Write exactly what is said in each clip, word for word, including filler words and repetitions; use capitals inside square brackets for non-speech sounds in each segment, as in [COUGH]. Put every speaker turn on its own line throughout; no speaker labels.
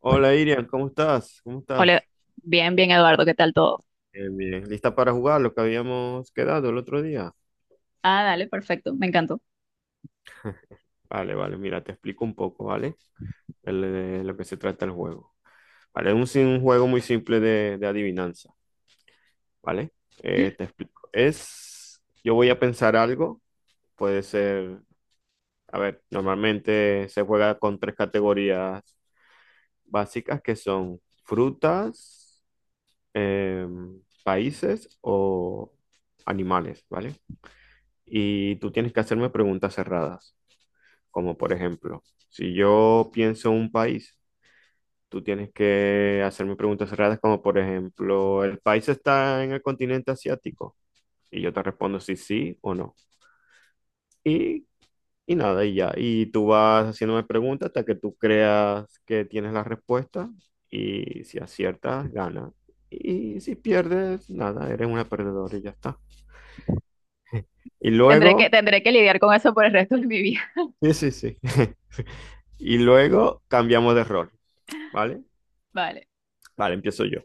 Hola Irian, ¿cómo estás? ¿Cómo
Hola,
estás?
bien, bien, Eduardo, ¿qué tal todo?
Bien, bien. ¿Lista para jugar lo que habíamos quedado el otro día?
Ah, dale, perfecto, me encantó.
Vale, vale, mira, te explico un poco, ¿vale? El- De lo que se trata el juego. Vale, es un, sim- un juego muy simple de, de adivinanza, ¿vale? Eh, te explico. Es, yo voy a pensar algo, puede ser, a ver, normalmente se juega con tres categorías básicas que son frutas, em, países o animales, ¿vale? Y tú tienes que hacerme preguntas cerradas, como por ejemplo, si yo pienso un país, tú tienes que hacerme preguntas cerradas, como por ejemplo, ¿el país está en el continente asiático? Y yo te respondo si sí o no. Y, y nada, y ya. Y tú vas haciéndome preguntas hasta que tú creas que tienes la respuesta y si aciertas, gana. Y si pierdes, nada, eres una perdedora y ya está. Y
Tendré que,
luego,
tendré que lidiar con eso por el resto de mi vida.
sí, sí, sí. [LAUGHS] Y luego cambiamos de rol. ¿Vale?
[LAUGHS] Vale,
Vale, empiezo yo.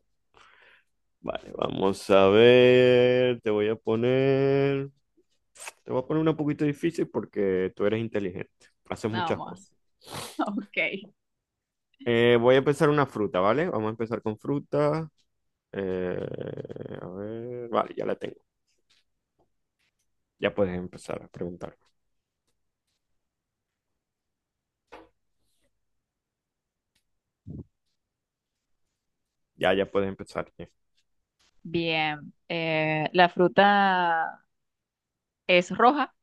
Vale, vamos a ver. Te voy a poner. Te voy a poner una poquito difícil porque tú eres inteligente. Haces muchas
vamos.
cosas.
Ok.
Eh, voy a empezar una fruta, ¿vale? Vamos a empezar con fruta. Eh, a ver. Vale, ya la tengo. Ya puedes empezar a preguntar. Ya, ya puedes empezar.
Bien. Eh, la fruta es roja.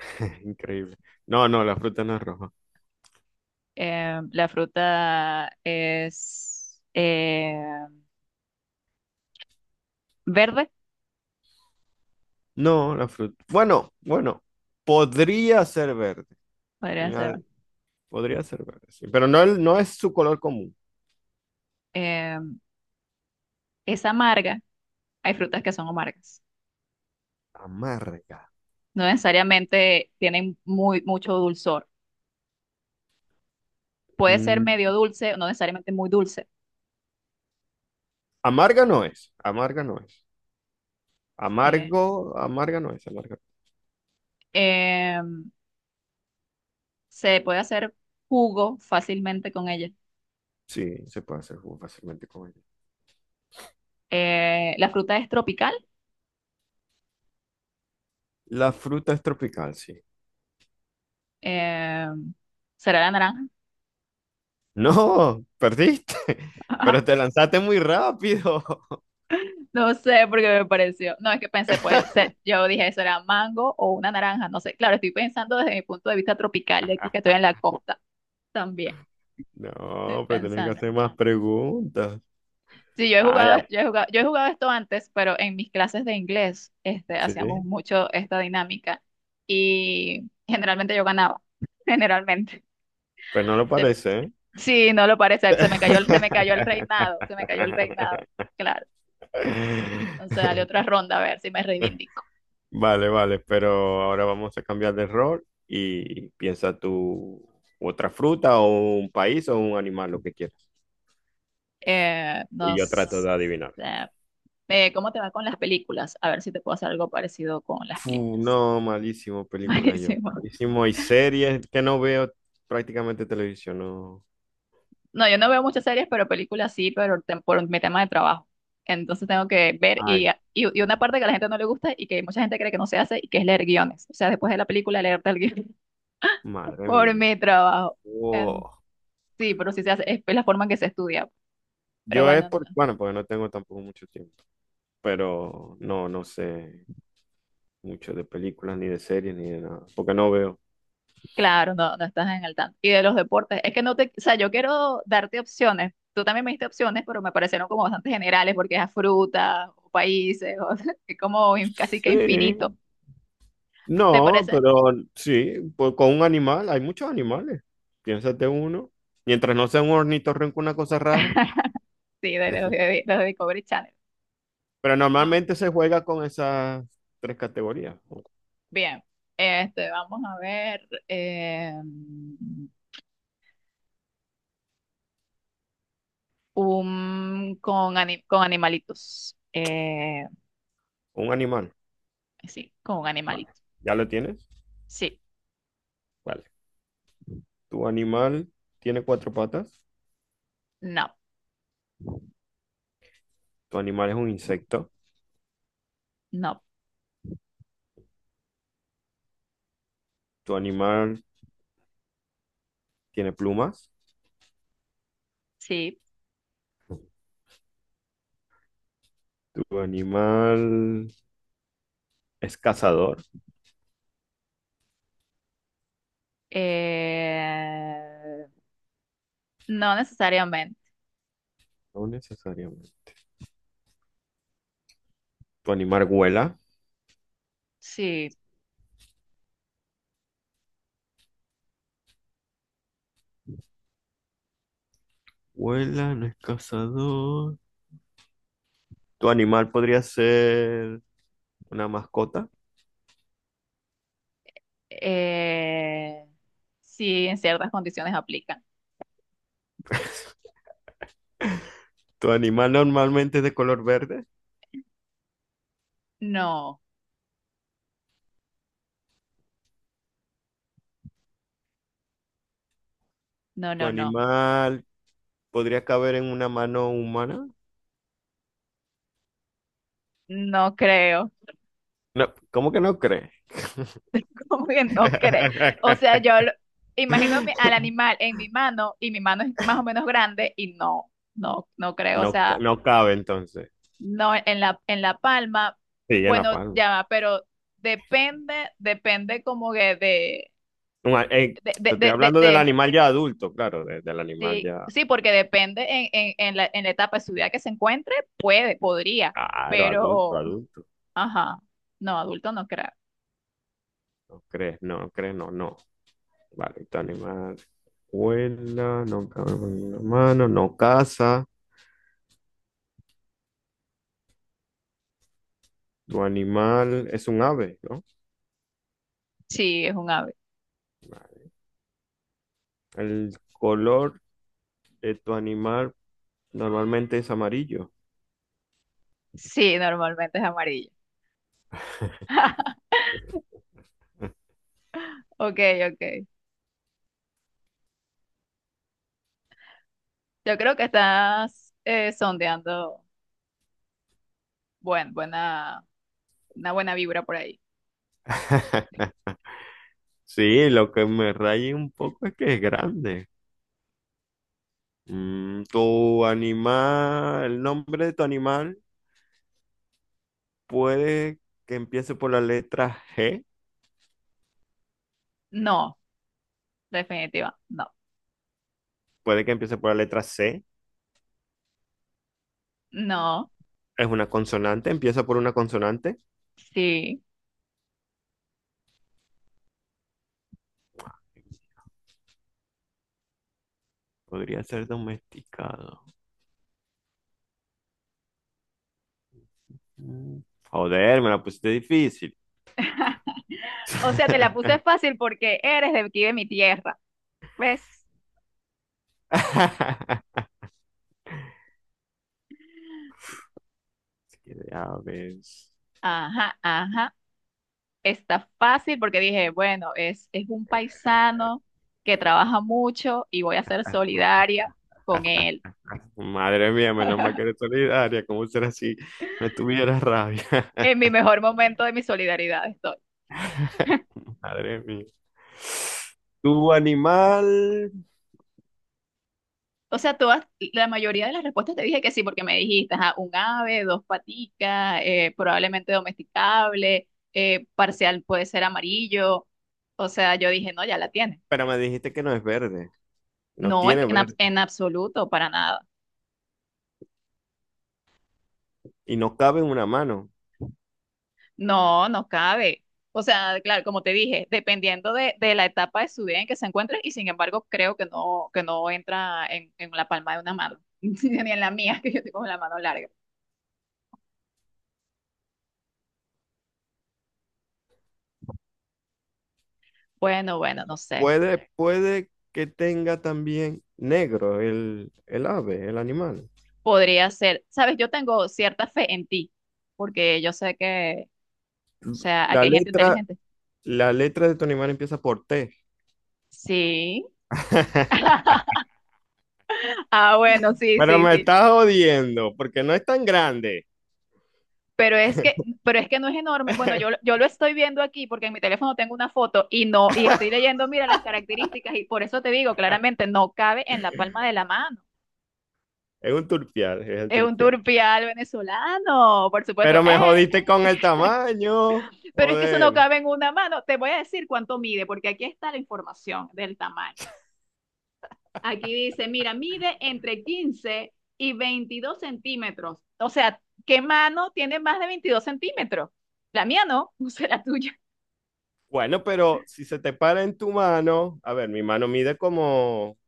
[LAUGHS] Increíble. No, no, la fruta no es roja.
eh, La fruta es eh, verde,
No, la fruta. Bueno, bueno. Podría ser verde.
podría
Una-
ser.
Podría ser verde, sí. Pero no, no es su color común.
eh, es amarga. Hay frutas que son amargas.
Amarga.
No necesariamente tienen muy, mucho dulzor. Puede ser
Mm,
medio dulce, no necesariamente muy dulce.
Amarga no es, amarga no es.
eh,
Amargo, amarga no es, amarga.
em, Se puede hacer jugo fácilmente con ella.
Sí, se puede hacer jugo fácilmente con ella.
Eh, la fruta es tropical.
La fruta es tropical, sí.
eh, ¿Será la naranja?
No, perdiste, [LAUGHS] pero te
[LAUGHS]
lanzaste muy rápido.
No sé porque me pareció. No, es que pensé, puede
[LAUGHS]
ser. Yo dije, ¿será mango o una naranja? No sé. Claro, estoy pensando desde mi punto de vista tropical de aquí, que estoy en la costa también. Estoy
No, pero tenés que
pensando.
hacer más preguntas.
Sí, yo he
Ah, ya,
jugado, yo he jugado, yo he jugado esto antes, pero en mis clases de inglés, este, hacíamos
sí,
mucho esta dinámica y generalmente yo ganaba. [LAUGHS] Generalmente.
pero no lo parece,
Sí, no lo parece, se me cayó, el- se me cayó el reinado, se me cayó el reinado, claro.
¿eh?
Entonces, dale
[LAUGHS]
otra ronda a ver si me reivindico.
Vale, vale, pero ahora vamos a cambiar de rol y piensa tú otra fruta o un país o un animal, lo que quieras.
Eh,
Y
no
yo trato
sé,
de adivinar.
eh, eh, ¿cómo te va con las películas? A ver si te puedo hacer algo parecido con las
Fu,
películas.
no, malísimo
[LAUGHS]
película yo.
Buenísimo.
Malísimo. Y series que no veo prácticamente televisión, no.
No, yo no veo muchas series, pero películas sí, pero tem- por mi tema de trabajo. Entonces tengo que ver y,
Ay,
y, y una parte que a la gente no le gusta y que mucha gente cree que no se hace y que es leer guiones. O sea, después de la película leerte el guión [LAUGHS]
madre
por
mía.
mi trabajo. En-
Wow.
sí, pero sí se hace, es la forma en que se estudia. Pero
Yo es
bueno,
por,
no,
bueno, porque no tengo tampoco mucho tiempo, pero no, no sé mucho de películas, ni de series, ni de nada, porque no veo.
claro, no, no estás en el tanto. Y de los deportes, es que no te, o sea, yo quiero darte opciones. Tú también me diste opciones, pero me parecieron como bastante generales porque es a frutas o países, o [LAUGHS] es como in- casi que infinito.
Sí,
¿Te
no,
parece?
pero sí, pues con un animal, hay muchos animales. Piénsate uno. Mientras no sea un ornitorrinco, una cosa rara.
[LAUGHS] Sí, de los de, los de Discovery Channel.
Pero
No.
normalmente se juega con esas tres categorías. Con
Bien, este, vamos a ver eh, un con, ani- con animalitos. Eh,
Un animal.
sí, con un
Vale.
animalito.
¿Ya lo tienes?
Sí,
Vale. Tu animal tiene cuatro patas.
no,
Tu animal es un insecto.
no,
Tu animal tiene plumas.
sí.
Tu animal es cazador.
Eh, no necesariamente.
No necesariamente. Tu animal vuela.
Sí.
Vuela, no es cazador. Tu animal podría ser una mascota.
Eh, sí, en ciertas condiciones aplican.
[LAUGHS] Tu animal normalmente es de color verde.
No, no,
Tu
no, no.
animal podría caber en una mano humana.
No creo.
No, ¿cómo que no crees?
[LAUGHS] ¿Cómo que no creo? O sea,
[LAUGHS]
yo lo- imagino mi- al animal en mi mano y mi mano es más o menos grande y no, no, no creo. O
No,
sea,
no cabe entonces.
no en la, en la palma.
Sí, en la
Bueno,
palma.
ya va, pero depende, depende como que de,
Un a- eh,
de, de,
Te estoy
de, de,
hablando del
de-
animal ya adulto, claro, de- del animal
Sí,
ya.
sí, porque depende en, en- en la, en la etapa de su vida que se encuentre, puede, podría,
Claro, adulto,
pero,
adulto.
ajá, no, adulto no creo.
No crees, no no crees, no, no. Vale, tu animal vuela, no cabe en una mano, no caza. Tu animal es un ave, ¿no?
Sí, es un ave.
El color de tu animal normalmente es amarillo.
Sí, normalmente es amarillo. [LAUGHS] Ok, ok. Yo creo que estás eh, sondeando buen, buena, una buena vibra por ahí.
[LAUGHS] Sí, lo que me raya un poco es que es grande. Mm, tu animal, el nombre de tu animal puede que empiece por la letra G,
No, definitiva, no,
puede que empiece por la letra C.
no,
Es una consonante, empieza por una consonante.
sí.
Podría ser domesticado. Mm, Joder, me la pusiste difícil.
O sea, te la puse
[LAUGHS]
fácil porque eres de aquí de mi tierra, ¿ves?
Es que, a ver.
Ajá, ajá. Está fácil porque dije, bueno, es, es un paisano que trabaja mucho y voy a ser solidaria con él.
Madre mía, menos mal que eres solidaria. ¿Cómo será si no tuviera rabia?
En mi mejor momento de mi solidaridad estoy.
[LAUGHS] Madre mía. Tu animal,
O sea, todas, la mayoría de las respuestas te dije que sí, porque me dijiste, ajá, un ave, dos paticas, eh, probablemente domesticable, eh, parcial puede ser amarillo. O sea, yo dije, no, ya la tiene.
pero me dijiste que no es verde, no
No, es que
tiene
en, abs-
verde
en absoluto, para nada.
y no cabe en una mano.
No, no cabe. O sea, claro, como te dije, dependiendo de, de la etapa de su vida en que se encuentre, y sin embargo, creo que no, que no entra en, en la palma de una mano, [LAUGHS] ni en la mía, que yo tengo la mano larga. Bueno, bueno, no sé.
Puede, puede que tenga también negro el, el ave, el animal.
Podría ser. Sabes, yo tengo cierta fe en ti, porque yo sé que, o sea,
La
aquí hay gente
letra,
inteligente.
la letra de tu animal empieza por T.
Sí. [LAUGHS] Ah, bueno, sí,
Pero
sí,
me
sí.
estás jodiendo, porque no es tan grande.
Pero es que, pero es que no es enorme. Bueno, yo, lo-
[LAUGHS]
yo lo estoy viendo aquí porque en mi teléfono tengo una foto y no, y estoy leyendo, mira, las características, y por eso te digo, claramente no cabe en la palma de la mano.
Es un turpial, es el
Es un
turpial.
turpial venezolano, por supuesto.
Pero me jodiste
¡Eh!
con el
[LAUGHS]
tamaño.
Pero es que eso no
Joder.
cabe en una mano. Te voy a decir cuánto mide, porque aquí está la información del tamaño. Aquí dice, mira, mide entre quince y veintidós centímetros. O sea, ¿qué mano tiene más de veintidós centímetros? La mía no, [LAUGHS] o sea, la tuya.
Bueno, pero si se te para en tu mano, a ver, mi mano mide como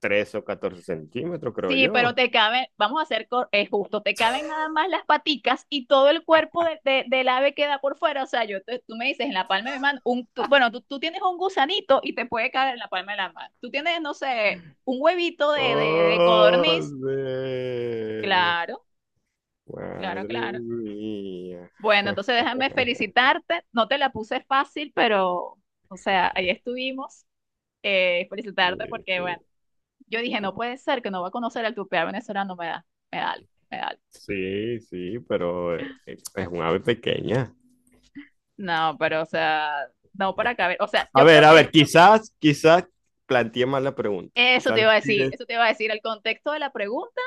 trece o catorce centímetros, creo
Sí, pero
yo.
te caben, vamos a hacer cor- eh, justo, te caben nada más las paticas y todo el cuerpo de- de- del ave queda por fuera. O sea, yo te- tú me dices en la palma de mi mano, un, tú- bueno, tú, tú tienes un gusanito y te puede caer en la palma de la mano. Tú tienes, no sé, un huevito de, de, de
Joder.
codorniz. Claro, claro,
Madre
claro.
mía.
Bueno, entonces déjame
[LAUGHS]
felicitarte. No te la puse fácil, pero, o sea, ahí estuvimos. Eh, felicitarte porque, bueno,
Sí,
yo dije, no puede ser que no va a conocer al tupé venezolano, me da, me da algo, me da algo.
sí, sí, pero eh, es un ave pequeña.
No, pero o sea, no para caber. O sea,
A
yo
ver,
creo
a ver,
que
quizás, quizás planteé mal la pregunta.
eso te
Quizás
iba a decir,
pides.
eso te iba a decir. El contexto de la pregunta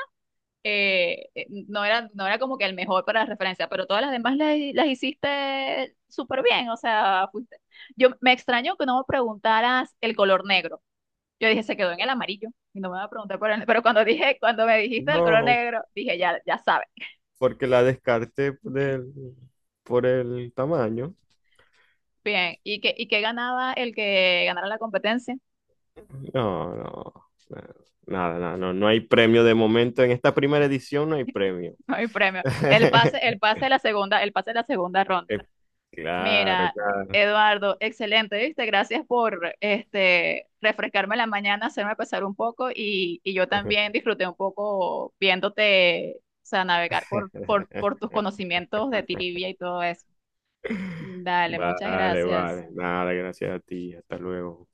eh, eh, no era, no era como que el mejor para referencia, pero todas las demás las, las hiciste súper bien. O sea, fuiste- yo me extraño que no me preguntaras el color negro. Yo dije, se quedó en el amarillo y no me va a preguntar por el- pero cuando dije, cuando me dijiste el color
No,
negro, dije, ya, ya sabes.
porque la descarté por el, por el tamaño.
Bien, ¿y qué, ¿y qué ganaba el que ganara la competencia? [LAUGHS]
No, no, no, nada, nada, no, no hay premio de momento. En esta primera edición no hay premio.
No hay premio. El pase, el
[LAUGHS]
pase de la segunda, el pase de la segunda ronda.
Eh, Claro,
Mira,
claro.
Eduardo, excelente, ¿viste? Gracias por este, refrescarme la mañana, hacerme pasar un poco y, y yo también disfruté un poco viéndote, o sea, navegar por, por, por
[LAUGHS]
tus conocimientos de trivia y todo eso. Dale, muchas
Vale,
gracias.
vale. Nada, gracias a ti. Hasta luego.